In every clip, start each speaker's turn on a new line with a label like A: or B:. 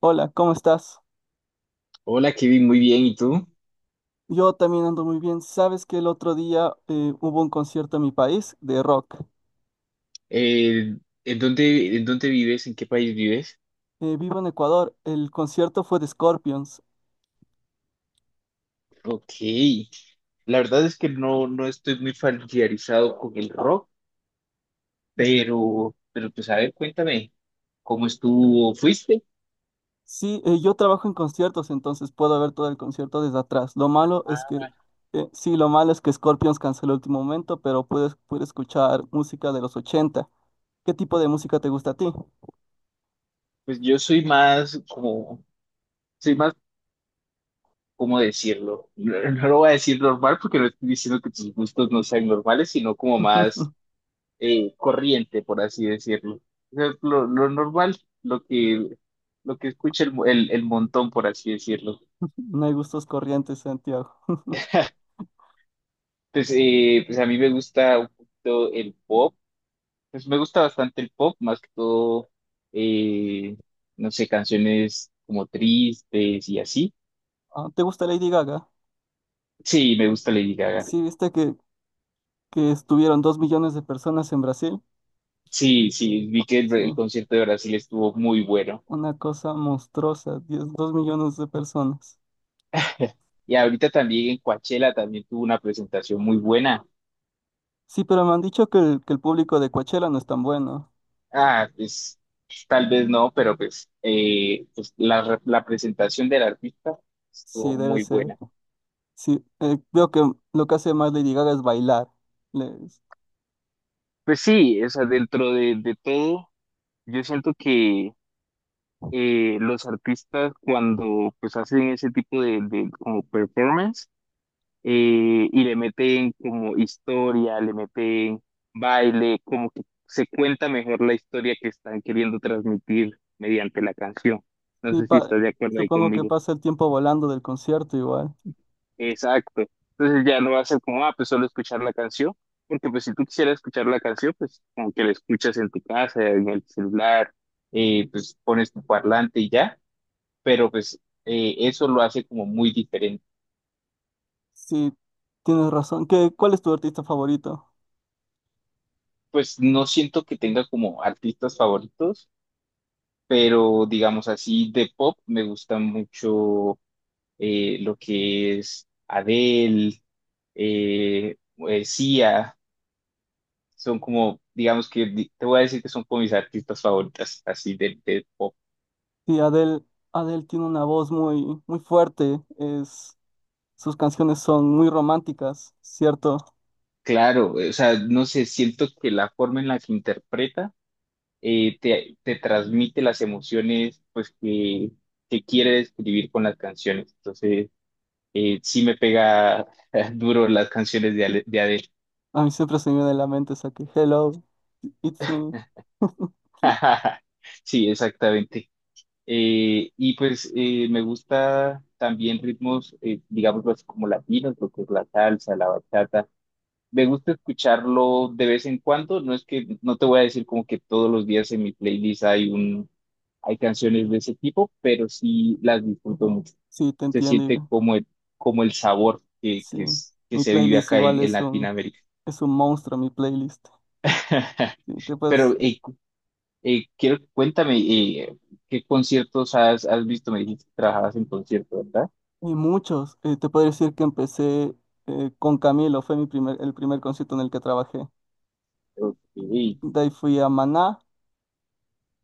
A: Hola, ¿cómo estás?
B: Hola Kevin, muy bien. ¿Y tú?
A: Yo también ando muy bien. Sabes que el otro día hubo un concierto en mi país de rock.
B: Eh, en dónde vives? ¿En qué país vives?
A: Vivo en Ecuador. El concierto fue de Scorpions.
B: Ok. La verdad es que no estoy muy familiarizado con el rock, pero pues a ver, cuéntame, ¿cómo estuvo? ¿Fuiste?
A: Sí, yo trabajo en conciertos, entonces puedo ver todo el concierto desde atrás. Lo malo es
B: Ah,
A: que, sí, lo malo es que Scorpions canceló el último momento, pero puedes escuchar música de los 80. ¿Qué tipo de música te gusta a ti?
B: pues yo soy más como, soy más, ¿cómo decirlo? No, no lo voy a decir normal porque no estoy diciendo que tus gustos no sean normales, sino como más corriente, por así decirlo. O sea, lo normal, lo que, lo que escucha el montón, por así decirlo.
A: No hay gustos corrientes, Santiago.
B: Pues, pues a mí me gusta un poquito el pop, pues me gusta bastante el pop, más que todo, eh, no sé, canciones como tristes y así.
A: Ah, ¿te gusta Lady Gaga?
B: Sí, me gusta Lady Gaga.
A: Sí, viste que estuvieron 2 millones de personas en Brasil.
B: Sí, sí, vi que
A: Sí.
B: el concierto de Brasil estuvo muy bueno.
A: Una cosa monstruosa, 10 2 millones de personas.
B: Y ahorita también en Coachella también tuvo una presentación muy buena.
A: Sí, pero me han dicho que el público de Coachella no es tan bueno.
B: Ah, pues pues, tal vez no, pero pues, pues la presentación del artista estuvo
A: Sí, debe
B: muy
A: ser.
B: buena.
A: Sí, veo que lo que hace más Lady Gaga es bailar. Le-
B: Pues sí, o sea, dentro de todo, yo siento que los artistas cuando pues hacen ese tipo de como performance y le meten como historia, le meten baile, como que se cuenta mejor la historia que están queriendo transmitir mediante la canción. No
A: sí,
B: sé si
A: pa-
B: estás de acuerdo ahí
A: supongo que
B: conmigo.
A: pasa el tiempo volando del concierto igual.
B: Exacto. Entonces ya no va a ser como, ah, pues solo escuchar la canción, porque pues si tú quisieras escuchar la canción, pues como que la escuchas en tu casa, en el celular, pues pones tu parlante y ya, pero pues eso lo hace como muy diferente.
A: Sí, tienes razón. Cuál es tu artista favorito?
B: Pues no siento que tenga como artistas favoritos, pero digamos así, de pop me gusta mucho lo que es Adele, eh, Sia. Son como, digamos que, te voy a decir que son como mis artistas favoritas, así de pop.
A: Sí, Adele tiene una voz muy, muy fuerte. Sus canciones son muy románticas, ¿cierto?
B: Claro, o sea, no sé, siento que la forma en la que interpreta te transmite las emociones pues que quiere describir con las canciones. Entonces, sí me pega duro las canciones de, de Adele.
A: A mí siempre se me viene a la mente esa que Hello, It's Me.
B: Sí, exactamente. Y pues me gusta también ritmos, digamos, pues, como latinos, lo que es la salsa, la bachata. Me gusta escucharlo de vez en cuando. No es que, no te voy a decir como que todos los días en mi playlist hay un, hay canciones de ese tipo, pero sí las disfruto mucho.
A: Sí, te
B: Se
A: entiendo.
B: siente
A: y-
B: como el sabor
A: Sí,
B: que
A: mi
B: se vive
A: playlist
B: acá
A: igual
B: en
A: es un,
B: Latinoamérica.
A: es un monstruo, mi playlist. Sí,
B: Pero quiero, cuéntame, ¿qué conciertos has, has visto? Me dijiste que trabajabas en conciertos, ¿verdad?
A: y muchos. Te puedo decir que empecé con Camilo, fue el primer concierto en el que trabajé.
B: Ok.
A: De ahí fui a Maná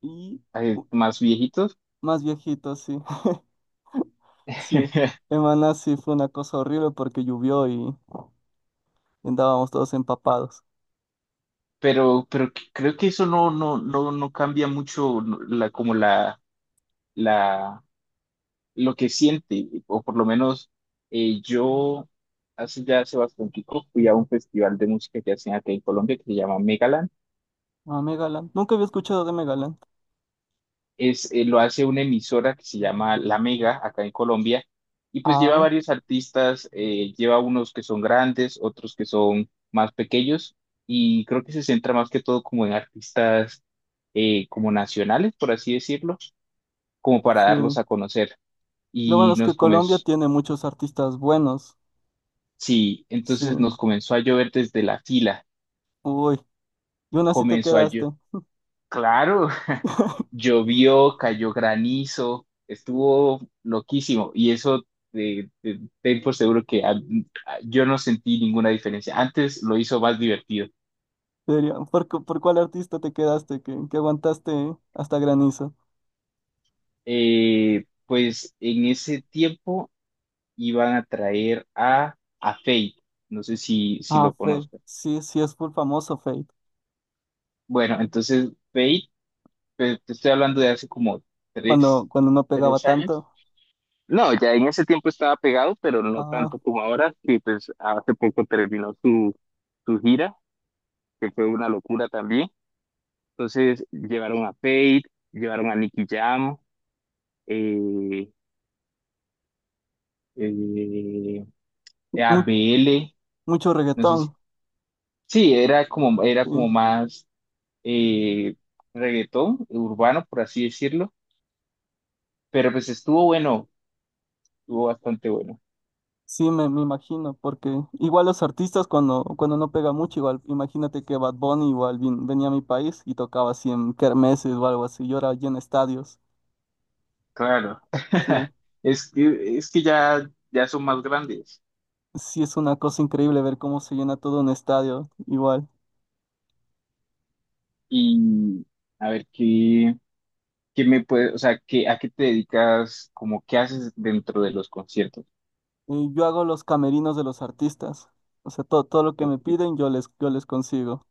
A: y u-
B: ¿Más viejitos?
A: más viejito, sí. Sí, en Maná sí fue una cosa horrible porque llovió y andábamos todos empapados.
B: Pero creo que eso no, no, no cambia mucho no, la, como la, lo que siente, o por lo menos yo hace ya hace bastante tiempo fui a un festival de música que hacen acá en Colombia que se llama Megaland.
A: Ah, Megaland. Nunca había escuchado de Megaland.
B: Es, lo hace una emisora que se llama La Mega acá en Colombia y pues lleva
A: Ah,
B: varios artistas, lleva unos que son grandes, otros que son más pequeños y creo que se centra más que todo como en artistas como nacionales, por así decirlo, como para
A: sí.
B: darlos a conocer.
A: Lo bueno
B: Y
A: es
B: nos
A: que Colombia
B: comenzó,
A: tiene muchos artistas buenos.
B: sí,
A: Sí.
B: entonces nos comenzó a llover desde la fila,
A: Uy. Y aún así te
B: comenzó a
A: quedaste.
B: llover, claro, llovió, cayó granizo, estuvo loquísimo y eso ten por seguro que yo no sentí ninguna diferencia. Antes lo hizo más divertido.
A: ¿Por cuál artista te quedaste que aguantaste hasta granizo?
B: Pues en ese tiempo iban a traer a Fate, no sé si, si
A: Ah,
B: lo
A: Fate.
B: conozco.
A: Sí, sí es full famoso Fate.
B: Bueno, entonces Fate, te estoy hablando de hace como
A: Cuando,
B: tres,
A: cuando no pegaba
B: tres años.
A: tanto.
B: No, ya en ese tiempo estaba pegado, pero no
A: Ah,
B: tanto como ahora. Y pues hace poco terminó su, su gira, que fue una locura también. Entonces llevaron a Fate, llevaron a Nicky Jam, eh, eh, a
A: mu-
B: BL,
A: mucho
B: no sé
A: reggaetón.
B: si. Sí, era
A: Sí,
B: como más eh, reggaetón urbano, por así decirlo. Pero pues estuvo bueno, estuvo bastante bueno.
A: sí me imagino. Porque igual los artistas cuando no pega mucho, igual imagínate que Bad Bunny igual venía a mi país y tocaba así en kermeses o algo así. Y ahora llena estadios.
B: Claro,
A: Sí,
B: es que ya, ya son más grandes.
A: sí es una cosa increíble ver cómo se llena todo un estadio igual.
B: Y a ver, ¿qué, qué me puede, o sea, qué, a qué te dedicas, como qué haces dentro de los conciertos?
A: Y yo hago los camerinos de los artistas. O sea, todo lo que me
B: Ok.
A: piden yo les consigo.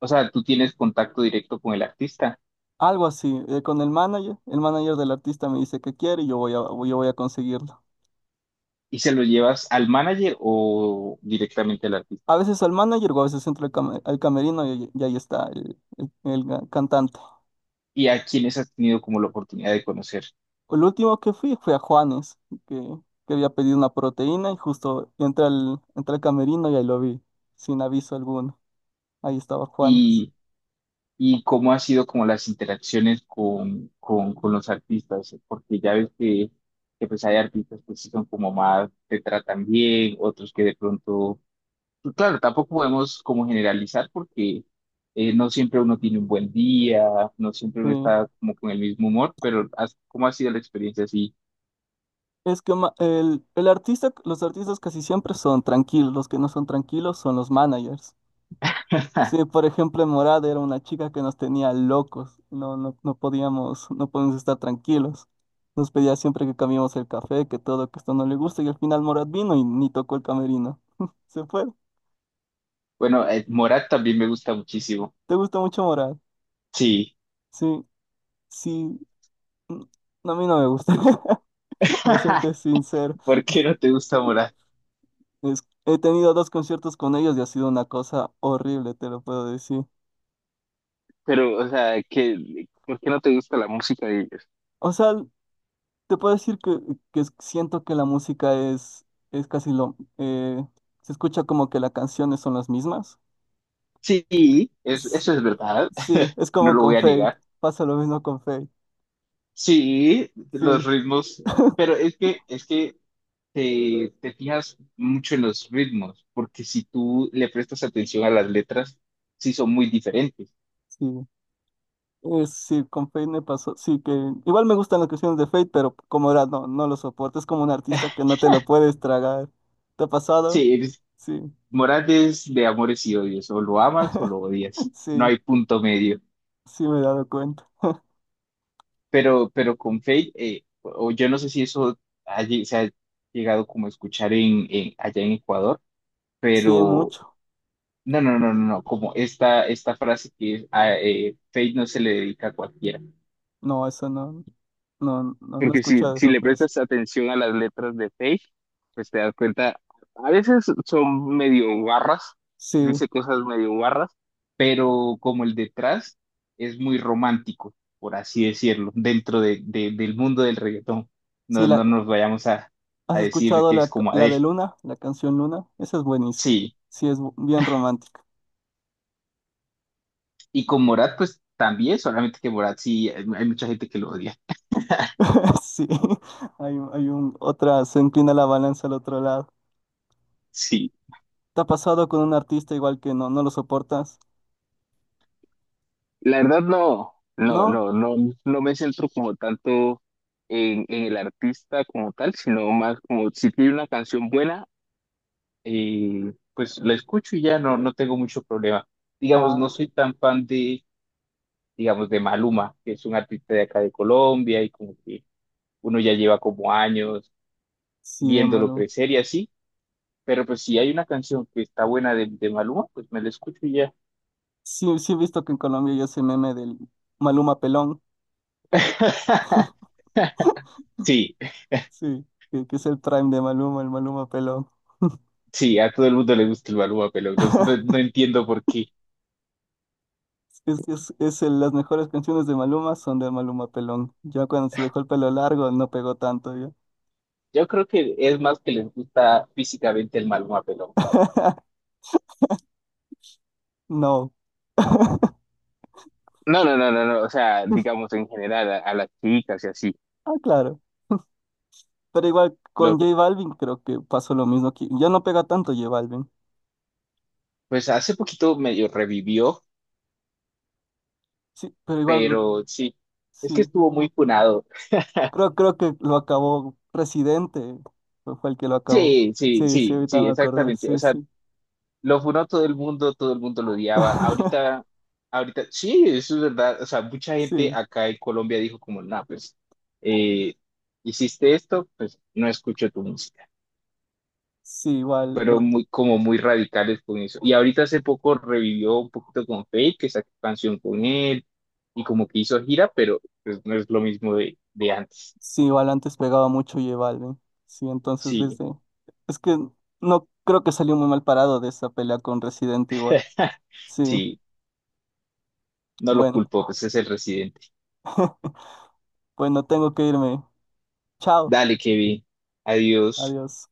B: O sea, ¿tú tienes contacto directo con el artista
A: Algo así, con el manager. El manager del artista me dice qué quiere y yo voy a conseguirlo.
B: y se lo llevas al manager o directamente al artista?
A: A veces al manager o a veces entro al camerino y ahí está el cantante.
B: ¿Y a quiénes has tenido como la oportunidad de conocer?
A: El último que fui fue a Juanes, que, que había pedido una proteína y justo entré al camerino y ahí lo vi, sin aviso alguno. Ahí estaba Juanes.
B: Y cómo ha sido como las interacciones con los artistas, porque ya ves que pues hay artistas que sí son como más, te tratan bien, otros que de pronto, pues claro, tampoco podemos como generalizar porque no siempre uno tiene un buen día, no siempre uno
A: Sí.
B: está como con el mismo humor, pero ¿cómo ha sido la experiencia así?
A: Es que los artistas casi siempre son tranquilos, los que no son tranquilos son los managers. Sí, por ejemplo, en Morada era una chica que nos tenía locos, no podíamos estar tranquilos. Nos pedía siempre que cambiemos el café, que todo, que esto no le gusta, y al final Morad vino y ni tocó el camerino. Se fue.
B: Bueno, Morat también me gusta muchísimo.
A: ¿Te gusta mucho Morad?
B: Sí.
A: Sí, sí. mm, no, a mí no me gusta, para serte sincero.
B: ¿Por qué no te gusta Morat?
A: He tenido dos conciertos con ellos y ha sido una cosa horrible, te lo puedo decir.
B: Pero, o sea, que ¿por qué no te gusta la música?
A: O sea, te puedo decir siento que la música es casi lo... eh, se escucha como que las canciones son las mismas.
B: Sí,
A: S-
B: eso es verdad,
A: Sí, es
B: no
A: como
B: lo voy
A: con
B: a
A: Fate.
B: negar.
A: Pasa lo mismo con Fate.
B: Sí,
A: Sí,
B: los ritmos, pero es que, te fijas mucho en los ritmos, porque si tú le prestas atención a las letras, sí son muy diferentes.
A: sí. Sí, con Fate me pasó. Sí, que igual me gustan las canciones de Fate, pero como era, no lo soporto. Es como un artista que no te lo puedes tragar. ¿Te ha pasado?
B: Sí, es-
A: Sí,
B: Morales de amores y odios, o lo amas o lo odias, no
A: sí,
B: hay punto medio.
A: sí me he dado cuenta.
B: Pero con Fate, o yo no sé si eso se ha llegado como a escuchar en, allá en Ecuador,
A: Sí,
B: pero
A: mucho.
B: no, no, no, no, no, como esta frase que es, a, Fate no se le dedica a cualquiera.
A: No, eso no, no he
B: Porque si,
A: escuchado
B: si
A: esa
B: le
A: frase.
B: prestas atención a las letras de Fate, pues te das cuenta, a veces son medio barras,
A: Sí.
B: dice cosas medio barras, pero como el detrás es muy romántico, por así decirlo, dentro de, del mundo del reggaetón.
A: Sí,
B: No, no nos vayamos
A: ¿has
B: a decir
A: escuchado
B: que es como
A: la de
B: Adele.
A: Luna, la canción Luna? Esa es buenísima.
B: Sí,
A: Sí, es bien romántica.
B: y con Morat, pues también, solamente que Morat sí, hay hay mucha gente que lo odia.
A: Sí, hay otra, se inclina la balanza al otro lado.
B: Sí.
A: ¿Te ha pasado con un artista igual que no lo soportas?
B: La verdad no, no,
A: ¿No?
B: no, no, no me centro como tanto en el artista como tal, sino más como si tiene una canción buena, pues la escucho y ya no, no tengo mucho problema. Digamos, no
A: Ah,
B: soy tan fan de, digamos, de Maluma, que es un artista de acá de Colombia y como que uno ya lleva como años
A: sí, de
B: viéndolo
A: Maluma.
B: crecer y así, pero pues si hay una canción que está buena de Maluma, pues me la escucho y ya.
A: Sí, sí he visto que en Colombia ya ese meme del Maluma Pelón.
B: Sí.
A: Sí, que es el prime de Maluma, el Maluma Pelón.
B: Sí, a todo el mundo le gusta el Maluma Pelón. No, no no entiendo por qué.
A: Las mejores canciones de Maluma son de Maluma Pelón. Ya cuando se dejó el pelo largo no pegó tanto, ya.
B: Yo creo que es más que les gusta físicamente el Maluma Pelón.
A: No.
B: No, no, no, no, no. O sea, digamos en general a las chicas y así.
A: Ah, claro. Pero igual
B: Lo,
A: con J Balvin creo que pasó lo mismo aquí. Ya no pega tanto J Balvin.
B: pues hace poquito medio revivió,
A: Sí, pero igual, mm,
B: pero sí, es que
A: sí.
B: estuvo muy punado.
A: Creo que lo acabó Residente. Fue el que lo acabó.
B: Sí, sí,
A: Sí, sí,
B: sí,
A: ahorita
B: sí,
A: me acordé.
B: exactamente.
A: Sí,
B: O sea,
A: sí.
B: lo funó todo el mundo lo odiaba. Ahorita, ahorita, sí, eso es verdad. O sea, mucha gente
A: Sí,
B: acá en Colombia dijo como, no, pues, eh, hiciste esto, pues no escucho tu música.
A: sí, igual,
B: Pero muy, como muy radicales con eso. Y ahorita hace poco revivió un poquito con Fate, que sacó canción con él, y como que hizo gira, pero pues no es lo mismo de antes.
A: sí, igual antes pegaba mucho J Balvin. Sí, entonces
B: Sí,
A: desde. Es que no creo que salió muy mal parado de esa pelea con Residente igual. Sí,
B: sí, no lo
A: bueno,
B: culpo, pues es el residente.
A: bueno, tengo que irme. Chao,
B: Dale, Kevin, adiós.
A: adiós.